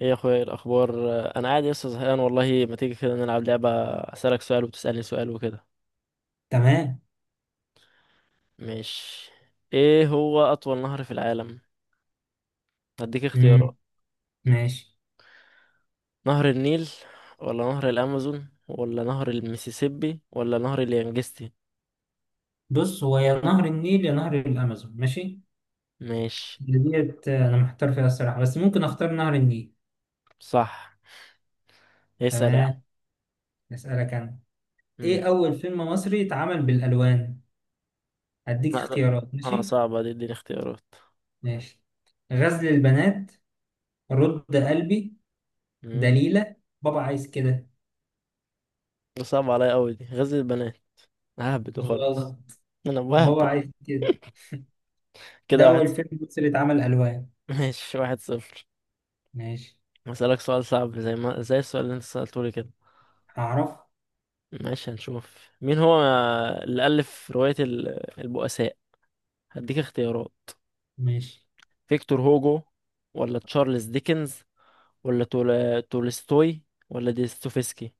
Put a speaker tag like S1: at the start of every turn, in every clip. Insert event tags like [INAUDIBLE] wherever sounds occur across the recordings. S1: ايه يا اخويا، إيه الاخبار؟ انا قاعد لسه زهقان والله. ما تيجي كده نلعب لعبه اسالك سؤال وتسالني سؤال وكده،
S2: تمام.
S1: مش؟ ايه هو اطول نهر في العالم؟ هديك
S2: مم.
S1: اختيارات.
S2: ماشي.
S1: نهر النيل ولا نهر الامازون ولا نهر المسيسيبي ولا نهر اليانجستي؟
S2: بص، هو يا نهر النيل يا نهر الامازون. ماشي،
S1: ماشي.
S2: ديت انا محتار فيها الصراحه، بس ممكن اختار نهر النيل.
S1: صح. اسال يا عم.
S2: تمام. اسالك انا.
S1: امم
S2: ايه اول فيلم مصري اتعمل بالالوان؟ هديك
S1: لا لا.
S2: اختيارات.
S1: اه
S2: ماشي.
S1: صعبه دي، اديني اختيارات.
S2: ماشي. غزل البنات، رد قلبي،
S1: امم
S2: دليلة، بابا عايز كده.
S1: ده صعب عليا قوي دي غزل البنات. ههبد وخلاص.
S2: غلط.
S1: انا
S2: بابا
S1: بهبد.
S2: عايز كده، ده
S1: كده واحد
S2: اول
S1: صفر.
S2: فيلم مصري اتعمل الوان.
S1: ماشي 1-0.
S2: ماشي.
S1: هسألك سؤال صعب زي ما زي السؤال اللي انت سألته لي كده.
S2: هعرف.
S1: ماشي هنشوف مين هو اللي ألف رواية البؤساء. هديك اختيارات.
S2: ماشي.
S1: فيكتور هوجو ولا تشارلز ديكنز ولا تولستوي ولا ديستوفسكي؟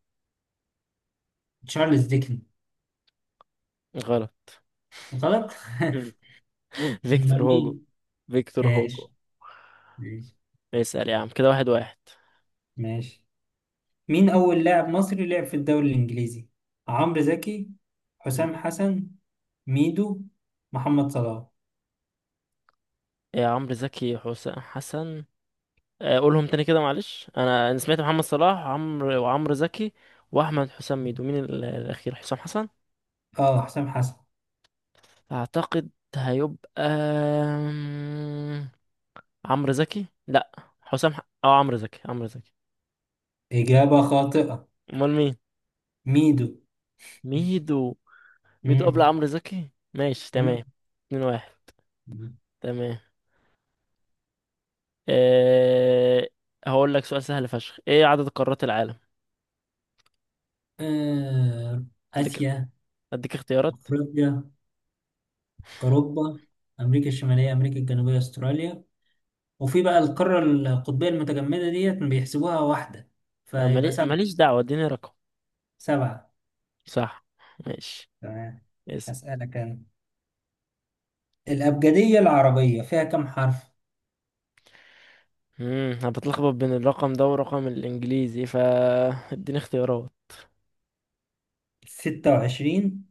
S2: تشارلز ديكن.
S1: غلط.
S2: غلط.
S1: مم.
S2: [LAUGHS]
S1: [LAUGHS] فيكتور
S2: امال
S1: هوجو.
S2: مين؟
S1: فيكتور هوجو.
S2: ماشي. ماشي.
S1: اسأل يا عم كده واحد واحد.
S2: ماشي. مين أول لاعب مصري لعب في الدوري الإنجليزي؟ عمرو زكي، حسام
S1: مم.
S2: حسن، ميدو، محمد صلاح.
S1: يا عمرو زكي حسام حسن. قولهم تاني كده، معلش انا سمعت محمد صلاح وعمرو زكي واحمد حسام ميدو. مين الاخير؟ حسام حسن
S2: اه حسام حسن.
S1: اعتقد. هيبقى عمرو زكي لا، حسام حق. اه عمرو زكي، عمرو زكي.
S2: إجابة خاطئة.
S1: امال مين؟
S2: ميدو.
S1: ميدو. ميدو قبل
S2: مم.
S1: عمرو زكي؟ ماشي
S2: مم.
S1: تمام. 2-1. تمام. أه... هقول لك سؤال سهل فشخ. ايه عدد قارات العالم؟
S2: آه،
S1: اديك.
S2: آسيا،
S1: اديك اختيارات.
S2: أفريقيا، أوروبا، أمريكا الشمالية، أمريكا الجنوبية، أستراليا. وفي بقى القارة القطبية المتجمدة ديت بيحسبوها واحدة،
S1: أه
S2: فيبقى 7.
S1: ماليش دعوة، اديني رقم.
S2: 7.
S1: صح. ماشي.
S2: تمام.
S1: اسأل.
S2: أسألك أنا. الأبجدية العربية فيها كم حرف؟
S1: انا بتلخبط بين الرقم ده والرقم الانجليزي، فا اديني اختيارات.
S2: 26،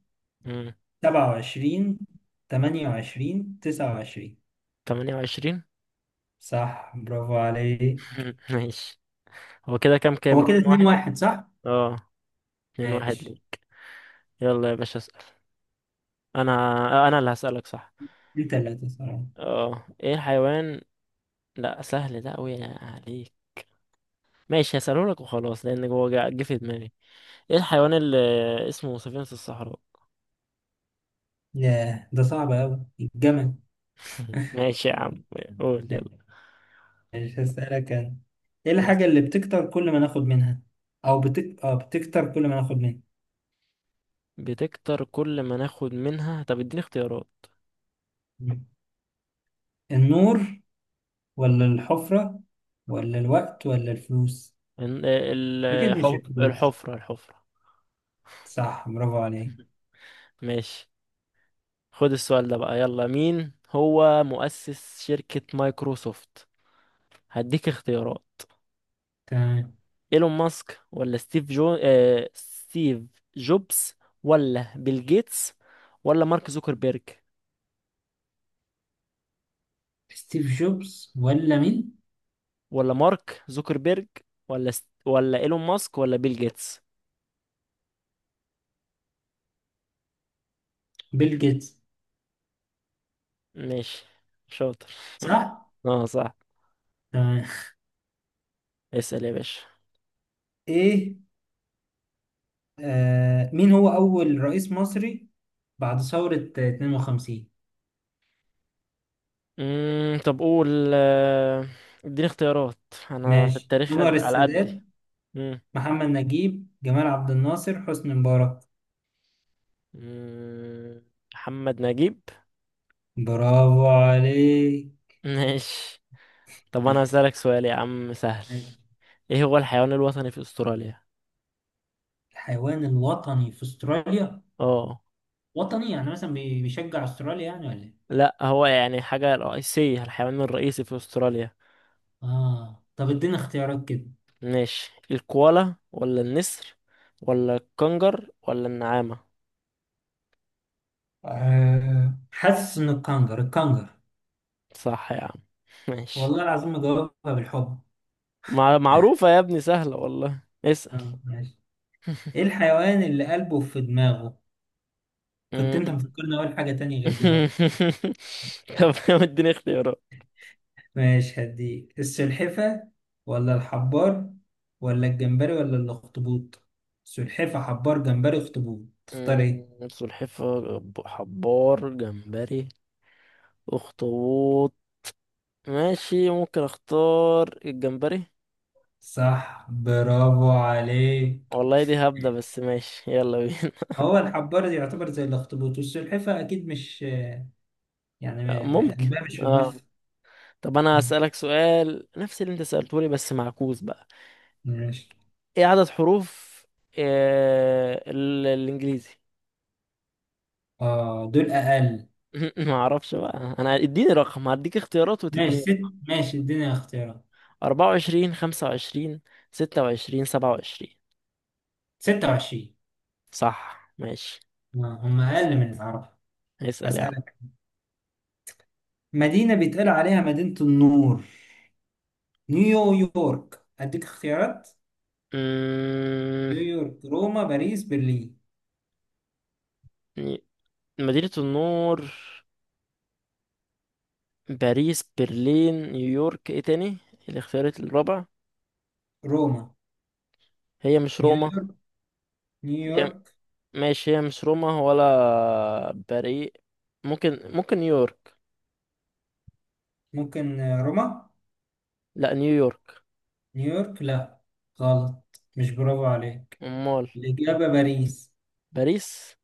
S1: مم.
S2: 27، 28، 29.
S1: 28.
S2: صح برافو عليك.
S1: [LAUGHS] ماشي. هو كده كام
S2: هو كده
S1: اتنين
S2: اتنين
S1: واحد
S2: واحد صح؟
S1: اه 2-1
S2: ماشي.
S1: ليك. يلا يا باشا اسأل. انا انا اللي هسألك، صح.
S2: دي تلاتة صراحة.
S1: اه ايه الحيوان؟ لا سهل ده اوي عليك. ماشي هسأله لك وخلاص لان هو جه في دماغي. ايه الحيوان اللي اسمه سفينة الصحراء؟
S2: ياه ده صعب أوي، الجمل.
S1: [LAUGHS] ماشي يا عم. قول يلا.
S2: ماشي هسألك أنا. إيه الحاجة اللي بتكتر كل ما ناخد منها؟ أو بتكتر كل ما ناخد منها.
S1: بتكتر كل ما ناخد منها؟ طب اديني اختيارات.
S2: النور ولا الحفرة ولا الوقت ولا الفلوس؟ أكيد مش الفلوس.
S1: الحفرة. الحفرة.
S2: صح برافو عليك.
S1: ماشي. خد السؤال ده بقى، يلا مين هو مؤسس شركة مايكروسوفت؟ هديك اختيارات.
S2: تمام.
S1: ايلون ماسك ولا ستيف جوبز ولا بيل جيتس ولا مارك زوكربيرج.
S2: ستيف جوبز ولا مين؟
S1: ولا مارك زوكربيرج ولا ولا ايلون ماسك ولا بيل جيتس.
S2: بيل جيتس.
S1: ماشي شاطر.
S2: صح؟
S1: اه صح.
S2: تمام.
S1: اسأل يا باشا.
S2: ايه. آه مين هو أول رئيس مصري بعد ثورة 52؟
S1: طب قول. آه، اديني اختيارات. انا في
S2: ماشي.
S1: التاريخ
S2: أنور
S1: على قدي.
S2: السادات،
S1: مم.
S2: محمد نجيب، جمال عبد الناصر، حسني مبارك.
S1: مم، محمد نجيب.
S2: برافو عليك.
S1: ماشي. طب انا هسألك سؤال يا عم سهل.
S2: ماشي.
S1: ايه هو الحيوان الوطني في استراليا؟
S2: الحيوان الوطني في استراليا.
S1: اه.
S2: وطني يعني مثلا بيشجع استراليا يعني ولا ايه؟
S1: لا هو يعني حاجة رئيسية، الحيوان الرئيسي في استراليا.
S2: اه طب ادينا اختيارات كده.
S1: ماشي الكوالا ولا النسر ولا الكنجر ولا النعامة؟
S2: آه. حاسس ان الكنجر، الكنجر.
S1: صح يا عم. ماشي.
S2: والله العظيم مجاوبها بالحب.
S1: معروفة يا ابني، سهلة والله. اسأل.
S2: اه ماشي. ايه الحيوان اللي قلبه في دماغه؟ كنت انت
S1: مم.
S2: مفكرني اقول حاجة تانية غير دماغه.
S1: [LAUGHS] طب اديني اختيارات.
S2: ماشي هديك. السلحفة ولا الحبار ولا الجمبري ولا الاخطبوط؟ سلحفة، حبار، جمبري، اخطبوط. تختار ايه؟
S1: سلحفاة، حبار، جمبري، اخطبوط. ماشي ممكن اختار الجمبري.
S2: صح برافو عليك.
S1: والله دي هبدة بس ماشي يلا بينا.
S2: هو الحبار يعتبر زي الاخطبوط، والسلحفة اكيد مش يعني
S1: [LAUGHS] ممكن.
S2: قلبها مش في دماغها.
S1: اه. طب انا هسألك سؤال نفس اللي انت سألته لي بس معكوس بقى.
S2: ماشي.
S1: ايه عدد حروف الانجليزي؟
S2: اه دول اقل.
S1: [LAUGHS] ما اعرفش بقى انا، اديني رقم. هديك اختيارات
S2: ماشي
S1: وتديني
S2: ست،
S1: رقم.
S2: ماشي الدنيا اختيارات.
S1: 24، 25، 26، 27؟
S2: 26.
S1: صح. ماشي.
S2: آه، هم
S1: اس-
S2: اقل من العرب.
S1: اسأل يا عم.
S2: هسألك. مدينة بيتقال عليها مدينة النور. نيويورك. أديك اختيارات.
S1: أمم،
S2: نيويورك، روما، باريس، برلين.
S1: مدينة النور. باريس، برلين، نيويورك، ايه تاني الاختيارات الرابع؟
S2: روما.
S1: هي مش روما.
S2: نيويورك.
S1: هي
S2: نيويورك.
S1: ماشي. هي مش روما ولا باريس. ممكن نيويورك.
S2: ممكن آه، روما.
S1: لا نيويورك.
S2: نيويورك لا. غلط. مش برافو عليك.
S1: امال؟
S2: الإجابة باريس.
S1: باريس.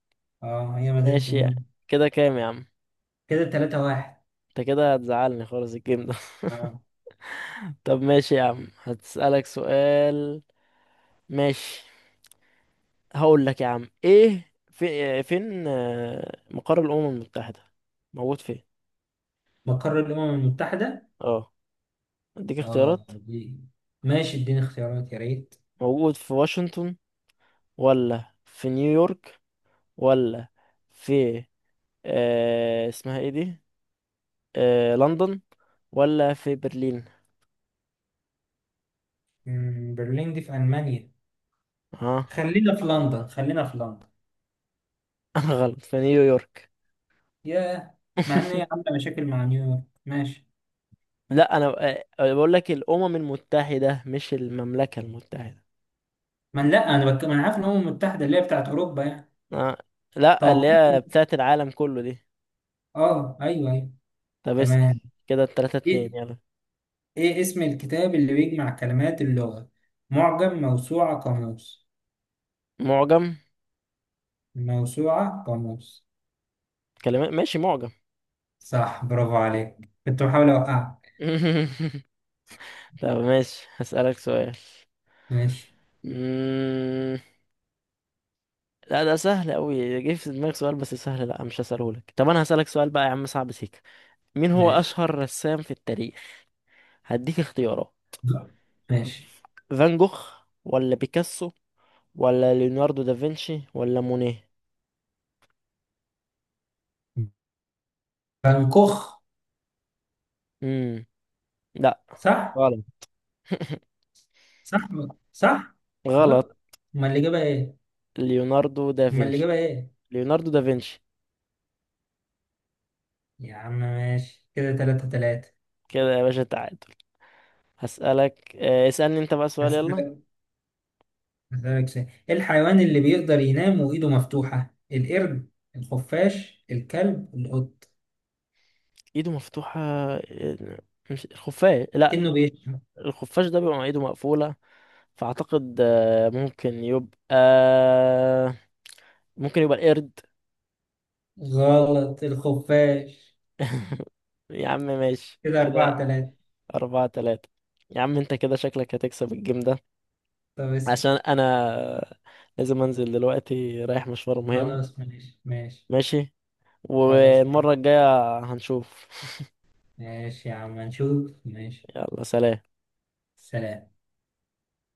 S2: اه هي مدينة
S1: ماشي.
S2: النور.
S1: كده كام يا عم؟
S2: كده 3-1.
S1: انت كده هتزعلني خالص الجيم ده. [LAUGHS]
S2: اه
S1: طب ماشي يا عم هتسألك سؤال. ماشي. هقول لك يا عم ايه، في فين مقر الأمم المتحدة؟ موجود فين؟
S2: مقر الأمم المتحدة.
S1: اه. اديك
S2: اه
S1: اختيارات.
S2: دي. ماشي اديني اختيارات يا ريت.
S1: موجود في واشنطن ولا في نيويورك ولا في اسمها ايه دي، لندن ولا في برلين.
S2: مم، برلين دي في ألمانيا.
S1: اه.
S2: خلينا في لندن، خلينا في لندن.
S1: [LAUGHS] انا غلط. في نيويورك.
S2: ياه. مع ان هي
S1: [LAUGHS]
S2: عامله مشاكل مع نيويورك. ماشي.
S1: لا انا بقول لك الامم المتحده مش المملكه المتحده.
S2: ما أنا- لا انا ما انا عارف ان الامم المتحده اللي هي بتاعت اوروبا يعني.
S1: آه. لا اللي
S2: توقعت.
S1: هي بتاعت العالم كله دي.
S2: اه ايوه ايوه.
S1: طب اسال.
S2: تمام.
S1: كده 3-2،
S2: ايه.
S1: يلا.
S2: ايه اسم الكتاب اللي بيجمع كلمات اللغه؟ معجم، موسوعه، قاموس.
S1: معجم
S2: موسوعه قاموس.
S1: كلمات. ماشي معجم.
S2: صح برافو عليك. كنت بحاول اوقعك.
S1: [LAUGHS] طب ماشي هسألك سؤال.
S2: ماشي.
S1: مم... لا ده سهل قوي، جه في دماغي سؤال بس سهل، لا مش هسأله لك. طب انا هسألك سؤال بقى يا عم صعب سيكا. مين هو
S2: ماشي.
S1: أشهر رسام في التاريخ؟ هديك اختيارات.
S2: ماشي.
S1: فان جوخ ولا بيكاسو ولا ليوناردو دافنشي ولا مونيه؟
S2: بنكوخ.
S1: امم لا.
S2: صح.
S1: غلط. [LAUGHS]
S2: صح. صح.
S1: غلط.
S2: غلط. امال الاجابه ايه؟
S1: ليوناردو
S2: امال
S1: دافنشي.
S2: الاجابه ايه؟
S1: ليوناردو دافنشي.
S2: يا عم ماشي كده 3-3.
S1: كده يا باشا تعادل. هسألك اسألني انت بقى سؤال يلا.
S2: هسألك. هسألك سؤال. إيه الحيوان اللي بيقدر ينام وإيده مفتوحة؟ القرد، الخفاش، الكلب، القط.
S1: ايده مفتوحة مش الخفاش لا.
S2: إنه بيشرب.
S1: الخفاش ده بيبقى مع ايده مقفولة. فأعتقد ممكن يبقى ممكن يبقى القرد.
S2: غلط، الخفاش.
S1: [LAUGHS] يا عم ماشي.
S2: كده أربعة
S1: كده
S2: تلاتة
S1: 4-3. يا عم انت كده شكلك هتكسب الجيم ده.
S2: طب اسأل.
S1: عشان انا لازم انزل دلوقتي رايح مشوار مهم.
S2: خلاص ماشي. ماشي.
S1: ماشي.
S2: خلاص
S1: والمرة
S2: ماشي.
S1: الجاية هنشوف.
S2: ماشي يا عم نشوف. ماشي.
S1: [LAUGHS] يلا سلام.
S2: سلام.